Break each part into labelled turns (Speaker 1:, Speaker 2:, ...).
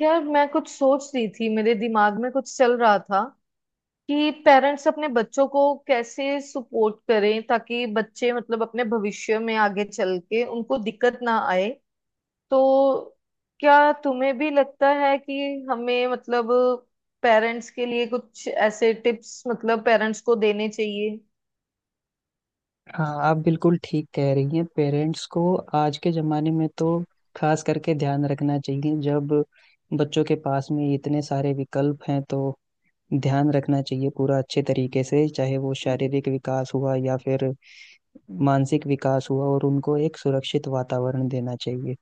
Speaker 1: यार, मैं कुछ सोच रही थी, मेरे दिमाग में कुछ चल रहा था कि पेरेंट्स अपने बच्चों को कैसे सपोर्ट करें ताकि बच्चे मतलब अपने भविष्य में आगे चल के उनको दिक्कत ना आए। तो क्या तुम्हें भी लगता है कि हमें मतलब पेरेंट्स के लिए कुछ ऐसे टिप्स मतलब पेरेंट्स को देने चाहिए।
Speaker 2: हाँ आप बिल्कुल ठीक कह रही हैं। पेरेंट्स को आज के ज़माने में तो खास करके ध्यान रखना चाहिए, जब बच्चों के पास में इतने सारे विकल्प हैं। तो ध्यान रखना चाहिए पूरा अच्छे तरीके से, चाहे वो शारीरिक विकास हुआ या फिर मानसिक विकास हुआ, और उनको एक सुरक्षित वातावरण देना चाहिए।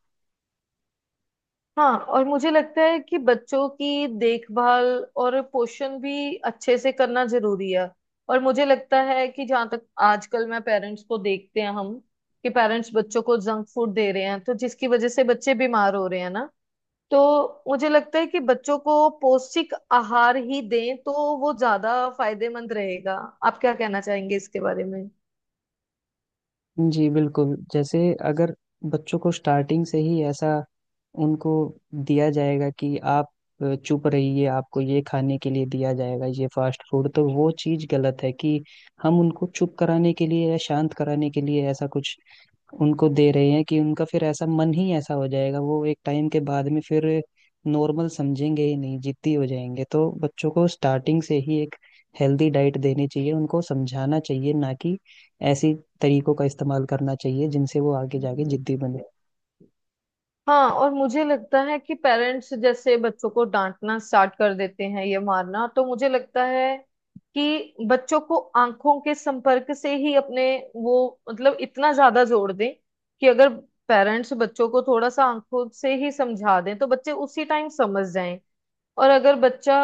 Speaker 1: हाँ, और मुझे लगता है कि बच्चों की देखभाल और पोषण भी अच्छे से करना जरूरी है। और मुझे लगता है कि जहाँ तक आजकल मैं पेरेंट्स को देखते हैं हम, कि पेरेंट्स बच्चों को जंक फूड दे रहे हैं, तो जिसकी वजह से बच्चे बीमार हो रहे हैं ना। तो मुझे लगता है कि बच्चों को पौष्टिक आहार ही दें तो वो ज्यादा फायदेमंद रहेगा। आप क्या कहना चाहेंगे इसके बारे में।
Speaker 2: जी बिल्कुल। जैसे अगर बच्चों को स्टार्टिंग से ही ऐसा उनको दिया जाएगा कि आप चुप रहिए, आपको ये खाने के लिए दिया जाएगा ये फास्ट फूड, तो वो चीज़ गलत है कि हम उनको चुप कराने के लिए या शांत कराने के लिए ऐसा कुछ उनको दे रहे हैं कि उनका फिर ऐसा मन ही ऐसा हो जाएगा। वो एक टाइम के बाद में फिर नॉर्मल समझेंगे ही नहीं, जिद्दी हो जाएंगे। तो बच्चों को स्टार्टिंग से ही एक हेल्दी डाइट देनी चाहिए, उनको समझाना चाहिए, ना कि ऐसी तरीकों का इस्तेमाल करना चाहिए जिनसे वो आगे जाके जिद्दी बने।
Speaker 1: हाँ, और मुझे लगता है कि पेरेंट्स जैसे बच्चों को डांटना स्टार्ट कर देते हैं, ये मारना, तो मुझे लगता है कि बच्चों को आंखों के संपर्क से ही अपने वो मतलब इतना ज्यादा जोड़ दें कि अगर पेरेंट्स बच्चों को थोड़ा सा आंखों से ही समझा दें तो बच्चे उसी टाइम समझ जाएं। और अगर बच्चा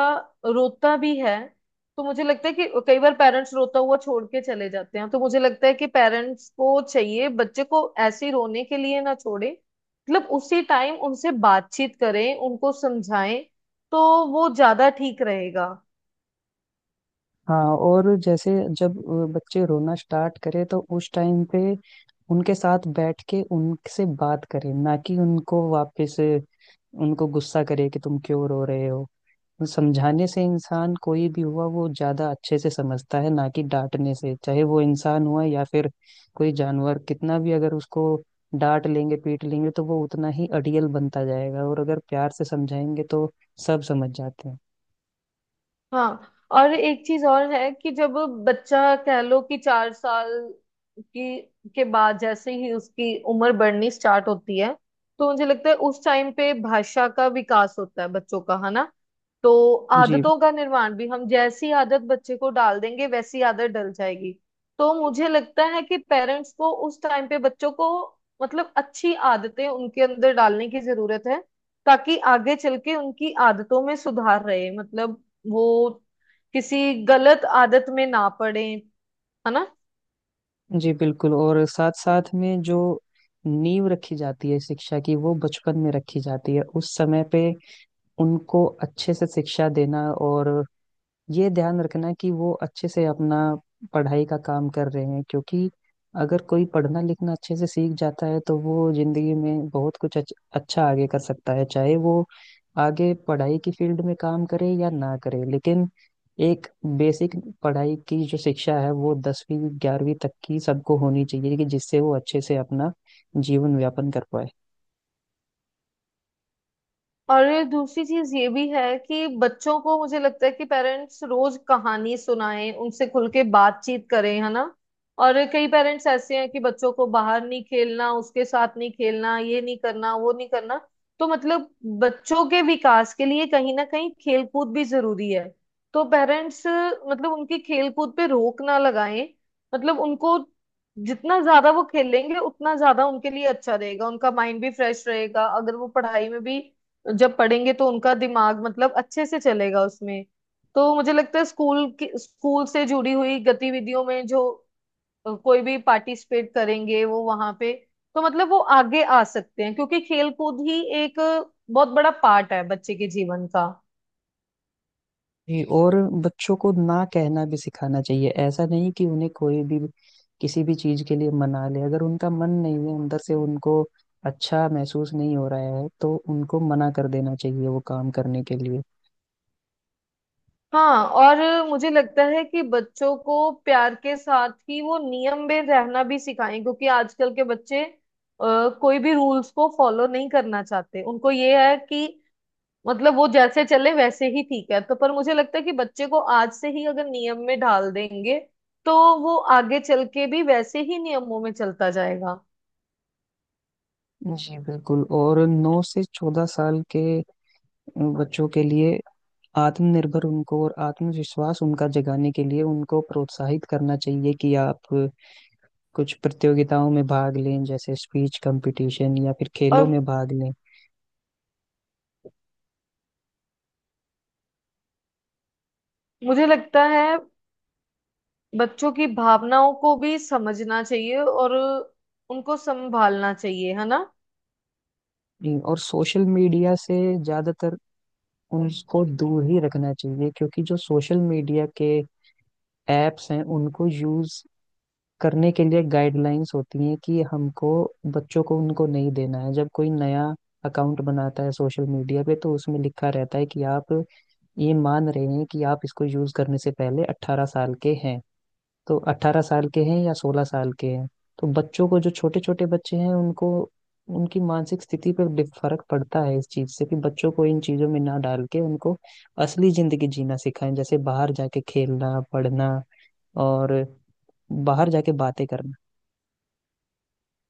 Speaker 1: रोता भी है तो मुझे लगता है कि कई बार पेरेंट्स रोता हुआ छोड़ के चले जाते हैं, तो मुझे लगता है कि पेरेंट्स को चाहिए बच्चे को ऐसे ही रोने के लिए ना छोड़े। मतलब उसी टाइम उनसे बातचीत करें, उनको समझाएं तो वो ज्यादा ठीक रहेगा।
Speaker 2: हाँ। और जैसे जब बच्चे रोना स्टार्ट करें तो उस टाइम पे उनके साथ बैठ के उनसे बात करें, ना कि उनको वापस उनको गुस्सा करे कि तुम क्यों रो रहे हो। वो समझाने से इंसान कोई भी हुआ वो ज्यादा अच्छे से समझता है, ना कि डांटने से। चाहे वो इंसान हुआ या फिर कोई जानवर, कितना भी अगर उसको डांट लेंगे पीट लेंगे तो वो उतना ही अड़ियल बनता जाएगा, और अगर प्यार से समझाएंगे तो सब समझ जाते हैं।
Speaker 1: हाँ, और एक चीज और है कि जब बच्चा कह लो कि 4 साल की के बाद जैसे ही उसकी उम्र बढ़नी स्टार्ट होती है, तो मुझे लगता है उस टाइम पे भाषा का विकास होता है बच्चों का, है ना। तो
Speaker 2: जी,
Speaker 1: आदतों का निर्माण भी, हम जैसी आदत बच्चे को डाल देंगे वैसी आदत डल जाएगी। तो मुझे लगता है कि पेरेंट्स को उस टाइम पे बच्चों को मतलब अच्छी आदतें उनके अंदर डालने की जरूरत है ताकि आगे चल के उनकी आदतों में सुधार रहे, मतलब वो किसी गलत आदत में ना पड़े, है ना।
Speaker 2: जी बिल्कुल। और साथ साथ में जो नींव रखी जाती है शिक्षा की, वो बचपन में रखी जाती है। उस समय पे उनको अच्छे से शिक्षा देना और ये ध्यान रखना कि वो अच्छे से अपना पढ़ाई का काम कर रहे हैं, क्योंकि अगर कोई पढ़ना लिखना अच्छे से सीख जाता है तो वो जिंदगी में बहुत कुछ अच्छा आगे कर सकता है। चाहे वो आगे पढ़ाई की फील्ड में काम करे या ना करे, लेकिन एक बेसिक पढ़ाई की जो शिक्षा है वो 10वीं 11वीं तक की सबको होनी चाहिए, कि जिससे वो अच्छे से अपना जीवन यापन कर पाए।
Speaker 1: और ये दूसरी चीज ये भी है कि बच्चों को मुझे लगता है कि पेरेंट्स रोज कहानी सुनाएं, उनसे खुल के बातचीत करें, है ना। और कई पेरेंट्स ऐसे हैं कि बच्चों को बाहर नहीं खेलना, उसके साथ नहीं खेलना, ये नहीं करना, वो नहीं करना। तो मतलब बच्चों के विकास के लिए कहीं ना कहीं खेलकूद भी जरूरी है। तो पेरेंट्स मतलब उनकी खेलकूद पे रोक ना लगाएं। मतलब उनको जितना ज्यादा वो खेलेंगे उतना ज्यादा उनके लिए अच्छा रहेगा, उनका माइंड भी फ्रेश रहेगा, अगर वो पढ़ाई में भी जब पढ़ेंगे तो उनका दिमाग मतलब अच्छे से चलेगा उसमें। तो मुझे लगता है स्कूल से जुड़ी हुई गतिविधियों में जो कोई भी पार्टिसिपेट करेंगे वो वहां पे, तो मतलब वो आगे आ सकते हैं क्योंकि खेल कूद ही एक बहुत बड़ा पार्ट है बच्चे के जीवन का।
Speaker 2: जी, और बच्चों को ना कहना भी सिखाना चाहिए। ऐसा नहीं कि उन्हें कोई भी किसी भी चीज के लिए मना ले। अगर उनका मन नहीं है, अंदर से उनको अच्छा महसूस नहीं हो रहा है, तो उनको मना कर देना चाहिए वो काम करने के लिए।
Speaker 1: हाँ, और मुझे लगता है कि बच्चों को प्यार के साथ ही वो नियम में रहना भी सिखाएं क्योंकि आजकल के बच्चे कोई भी रूल्स को फॉलो नहीं करना चाहते, उनको ये है कि मतलब वो जैसे चले वैसे ही ठीक है। तो पर मुझे लगता है कि बच्चे को आज से ही अगर नियम में ढाल देंगे तो वो आगे चल के भी वैसे ही नियमों में चलता जाएगा।
Speaker 2: जी बिल्कुल। और 9 से 14 साल के बच्चों के लिए आत्मनिर्भर उनको और आत्मविश्वास उनका जगाने के लिए उनको प्रोत्साहित करना चाहिए कि आप कुछ प्रतियोगिताओं में भाग लें, जैसे स्पीच कंपटीशन या फिर खेलों
Speaker 1: और
Speaker 2: में भाग लें।
Speaker 1: मुझे लगता है बच्चों की भावनाओं को भी समझना चाहिए और उनको संभालना चाहिए, है ना।
Speaker 2: नहीं, और सोशल मीडिया से ज्यादातर उनको दूर ही रखना चाहिए, क्योंकि जो सोशल मीडिया के एप्स हैं उनको यूज करने के लिए गाइडलाइंस होती हैं कि हमको बच्चों को उनको नहीं देना है। जब कोई नया अकाउंट बनाता है सोशल मीडिया पे तो उसमें लिखा रहता है कि आप ये मान रहे हैं कि आप इसको यूज करने से पहले 18 साल के हैं। तो 18 साल के हैं या 16 साल के हैं। तो बच्चों को, जो छोटे छोटे बच्चे हैं, उनको, उनकी मानसिक स्थिति पर फर्क पड़ता है इस चीज से। कि बच्चों को इन चीजों में ना डाल के उनको असली जिंदगी जीना सिखाएं, जैसे बाहर जाके खेलना, पढ़ना, और बाहर जाके बातें करना।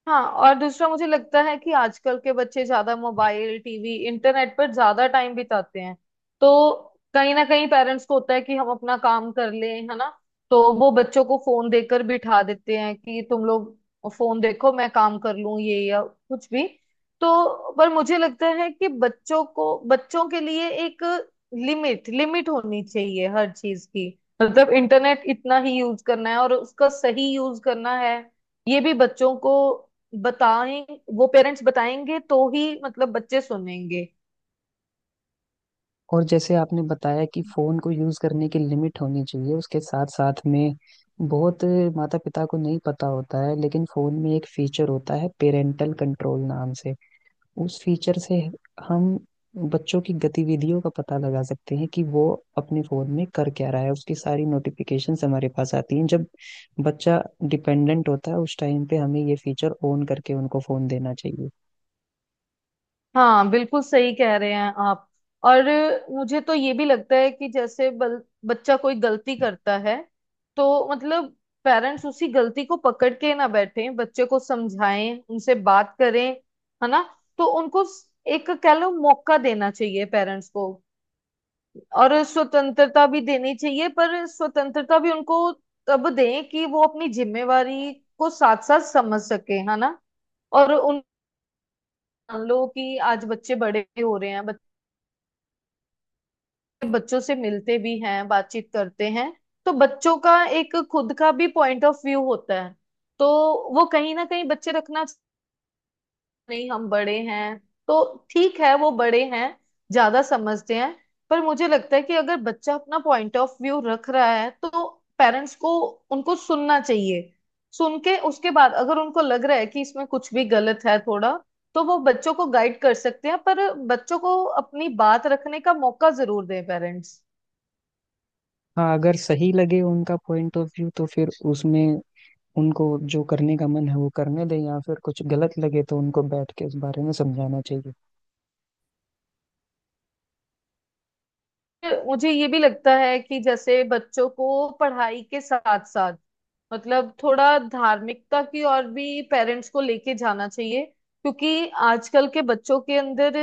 Speaker 1: हाँ, और दूसरा मुझे लगता है कि आजकल के बच्चे ज्यादा मोबाइल, टीवी, इंटरनेट पर ज्यादा टाइम बिताते हैं। तो कहीं ना कहीं पेरेंट्स को होता है कि हम अपना काम कर लें, है ना। तो वो बच्चों को फोन देकर बिठा देते हैं कि तुम लोग फोन देखो, मैं काम कर लूं ये या कुछ भी। तो पर मुझे लगता है कि बच्चों को, बच्चों के लिए एक लिमिट लिमिट होनी चाहिए हर चीज की। मतलब इंटरनेट इतना ही यूज करना है और उसका सही यूज करना है, ये भी बच्चों को बताएं। वो पेरेंट्स बताएंगे तो ही मतलब बच्चे सुनेंगे।
Speaker 2: और जैसे आपने बताया कि फोन को यूज करने की लिमिट होनी चाहिए, उसके साथ साथ में बहुत माता पिता को नहीं पता होता है, लेकिन फोन में एक फीचर होता है पेरेंटल कंट्रोल नाम से। उस फीचर से हम बच्चों की गतिविधियों का पता लगा सकते हैं कि वो अपने फोन में कर क्या रहा है। उसकी सारी नोटिफिकेशंस हमारे पास आती हैं। जब बच्चा डिपेंडेंट होता है, उस टाइम पे हमें ये फीचर ऑन करके उनको फोन देना चाहिए।
Speaker 1: हाँ, बिल्कुल सही कह रहे हैं आप। और मुझे तो ये भी लगता है कि जैसे बच्चा कोई गलती करता है तो मतलब पेरेंट्स उसी गलती को पकड़ के ना बैठे, बच्चे को समझाएं, उनसे बात करें, है ना। तो उनको एक कह लो मौका देना चाहिए पेरेंट्स को। और स्वतंत्रता भी देनी चाहिए, पर स्वतंत्रता भी उनको तब दें कि वो अपनी जिम्मेवारी को साथ साथ समझ सके, है ना। और उन, मान लो कि आज बच्चे बड़े भी हो रहे हैं, बच्चे बच्चों से मिलते भी हैं, बातचीत करते हैं, तो बच्चों का एक खुद का भी पॉइंट ऑफ व्यू होता है। तो वो कहीं ना कहीं बच्चे रखना, नहीं हम बड़े हैं, तो ठीक है वो बड़े हैं, ज्यादा समझते हैं, पर मुझे लगता है कि अगर बच्चा अपना पॉइंट ऑफ व्यू रख रहा है तो पेरेंट्स को उनको सुनना चाहिए। सुन के उसके बाद अगर उनको लग रहा है कि इसमें कुछ भी गलत है थोड़ा, तो वो बच्चों को गाइड कर सकते हैं, पर बच्चों को अपनी बात रखने का मौका जरूर दें पेरेंट्स।
Speaker 2: हाँ। अगर सही लगे उनका पॉइंट ऑफ व्यू तो फिर उसमें उनको जो करने का मन है वो करने दें, या फिर कुछ गलत लगे तो उनको बैठ के उस बारे में समझाना चाहिए।
Speaker 1: मुझे ये भी लगता है कि जैसे बच्चों को पढ़ाई के साथ साथ मतलब थोड़ा धार्मिकता की ओर भी पेरेंट्स को लेके जाना चाहिए, क्योंकि आजकल के बच्चों के अंदर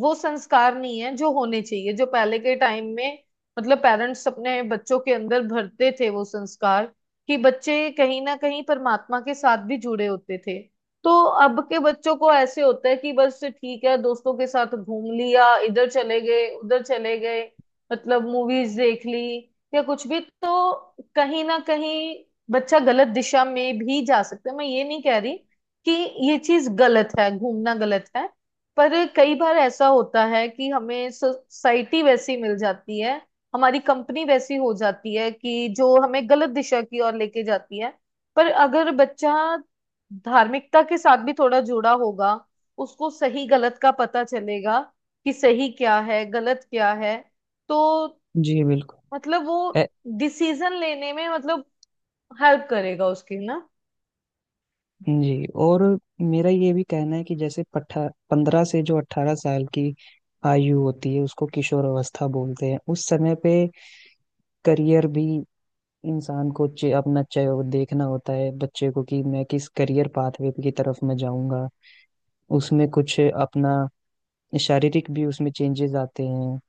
Speaker 1: वो संस्कार नहीं है जो होने चाहिए, जो पहले के टाइम में मतलब पेरेंट्स अपने बच्चों के अंदर भरते थे वो संस्कार, कि बच्चे कहीं ना कहीं परमात्मा के साथ भी जुड़े होते थे। तो अब के बच्चों को ऐसे होता है कि बस ठीक है, दोस्तों के साथ घूम लिया, इधर चले गए, उधर चले गए, मतलब मूवीज देख ली या कुछ भी। तो कहीं ना कहीं बच्चा गलत दिशा में भी जा सकता है। मैं ये नहीं कह रही कि ये चीज गलत है, घूमना गलत है, पर कई बार ऐसा होता है कि हमें सोसाइटी वैसी मिल जाती है, हमारी कंपनी वैसी हो जाती है कि जो हमें गलत दिशा की ओर लेके जाती है। पर अगर बच्चा धार्मिकता के साथ भी थोड़ा जुड़ा होगा, उसको सही गलत का पता चलेगा कि सही क्या है गलत क्या है। तो
Speaker 2: जी बिल्कुल।
Speaker 1: मतलब वो डिसीजन लेने में मतलब हेल्प करेगा उसकी ना।
Speaker 2: जी, और मेरा ये भी कहना है कि जैसे पठा 15 से जो 18 साल की आयु होती है, उसको किशोर अवस्था बोलते हैं। उस समय पे करियर भी इंसान को, अपना चय देखना होता है बच्चे को, कि मैं किस करियर पाथवे की तरफ मैं जाऊंगा। उसमें कुछ अपना शारीरिक भी उसमें चेंजेस आते हैं,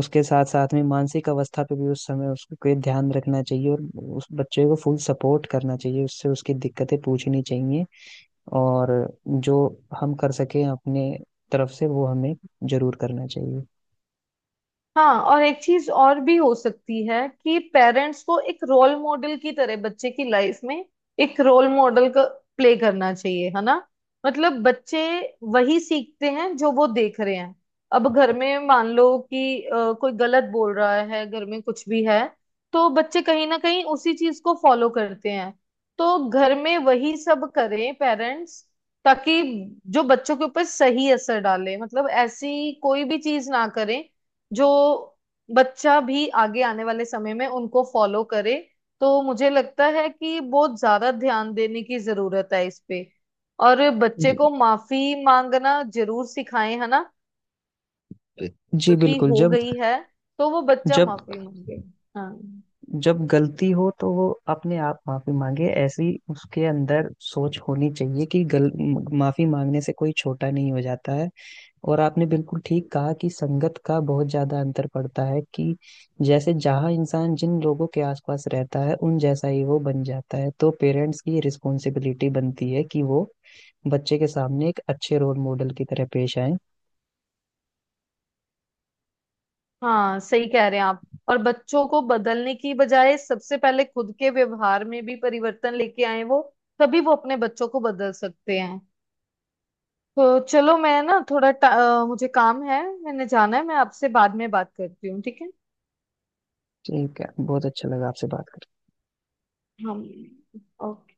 Speaker 2: उसके साथ साथ में मानसिक अवस्था पे भी उस समय उसको कोई ध्यान रखना चाहिए, और उस बच्चे को फुल सपोर्ट करना चाहिए, उससे उसकी दिक्कतें पूछनी चाहिए, और जो हम कर सकें अपने तरफ से वो हमें जरूर करना चाहिए।
Speaker 1: हाँ, और एक चीज और भी हो सकती है कि पेरेंट्स को एक रोल मॉडल की तरह बच्चे की लाइफ में एक रोल मॉडल का प्ले करना चाहिए, है ना। मतलब बच्चे वही सीखते हैं जो वो देख रहे हैं। अब घर में मान लो कि कोई गलत बोल रहा है, घर में कुछ भी है, तो बच्चे कहीं ना कहीं उसी चीज को फॉलो करते हैं। तो घर में वही सब करें पेरेंट्स ताकि जो बच्चों के ऊपर सही असर डाले, मतलब ऐसी कोई भी चीज ना करें जो बच्चा भी आगे आने वाले समय में उनको फॉलो करे। तो मुझे लगता है कि बहुत ज्यादा ध्यान देने की जरूरत है इस पे। और बच्चे
Speaker 2: जी,
Speaker 1: को माफी मांगना जरूर सिखाएं, है ना।
Speaker 2: जी
Speaker 1: गलती
Speaker 2: बिल्कुल।
Speaker 1: हो
Speaker 2: जब
Speaker 1: गई है तो वो बच्चा
Speaker 2: जब
Speaker 1: माफी मांगे। हाँ।
Speaker 2: जब गलती हो तो वो अपने आप माफी मांगे। ऐसी उसके अंदर सोच होनी चाहिए कि गल माफी मांगने से कोई छोटा नहीं हो जाता है। और आपने बिल्कुल ठीक कहा कि संगत का बहुत ज्यादा अंतर पड़ता है, कि जैसे जहाँ इंसान जिन लोगों के आसपास रहता है उन जैसा ही वो बन जाता है। तो पेरेंट्स की रिस्पॉन्सिबिलिटी बनती है कि वो बच्चे के सामने एक अच्छे रोल मॉडल की तरह पेश आए।
Speaker 1: हाँ, सही कह रहे हैं आप। और बच्चों को बदलने की बजाय सबसे पहले खुद के व्यवहार में भी परिवर्तन लेके आए वो, तभी वो अपने बच्चों को बदल सकते हैं। तो चलो, मैं ना थोड़ा मुझे काम है, मैंने जाना है, मैं आपसे बाद में बात करती हूँ, ठीक है।
Speaker 2: ठीक है। बहुत अच्छा लगा आपसे बात करके।
Speaker 1: हम। ओके।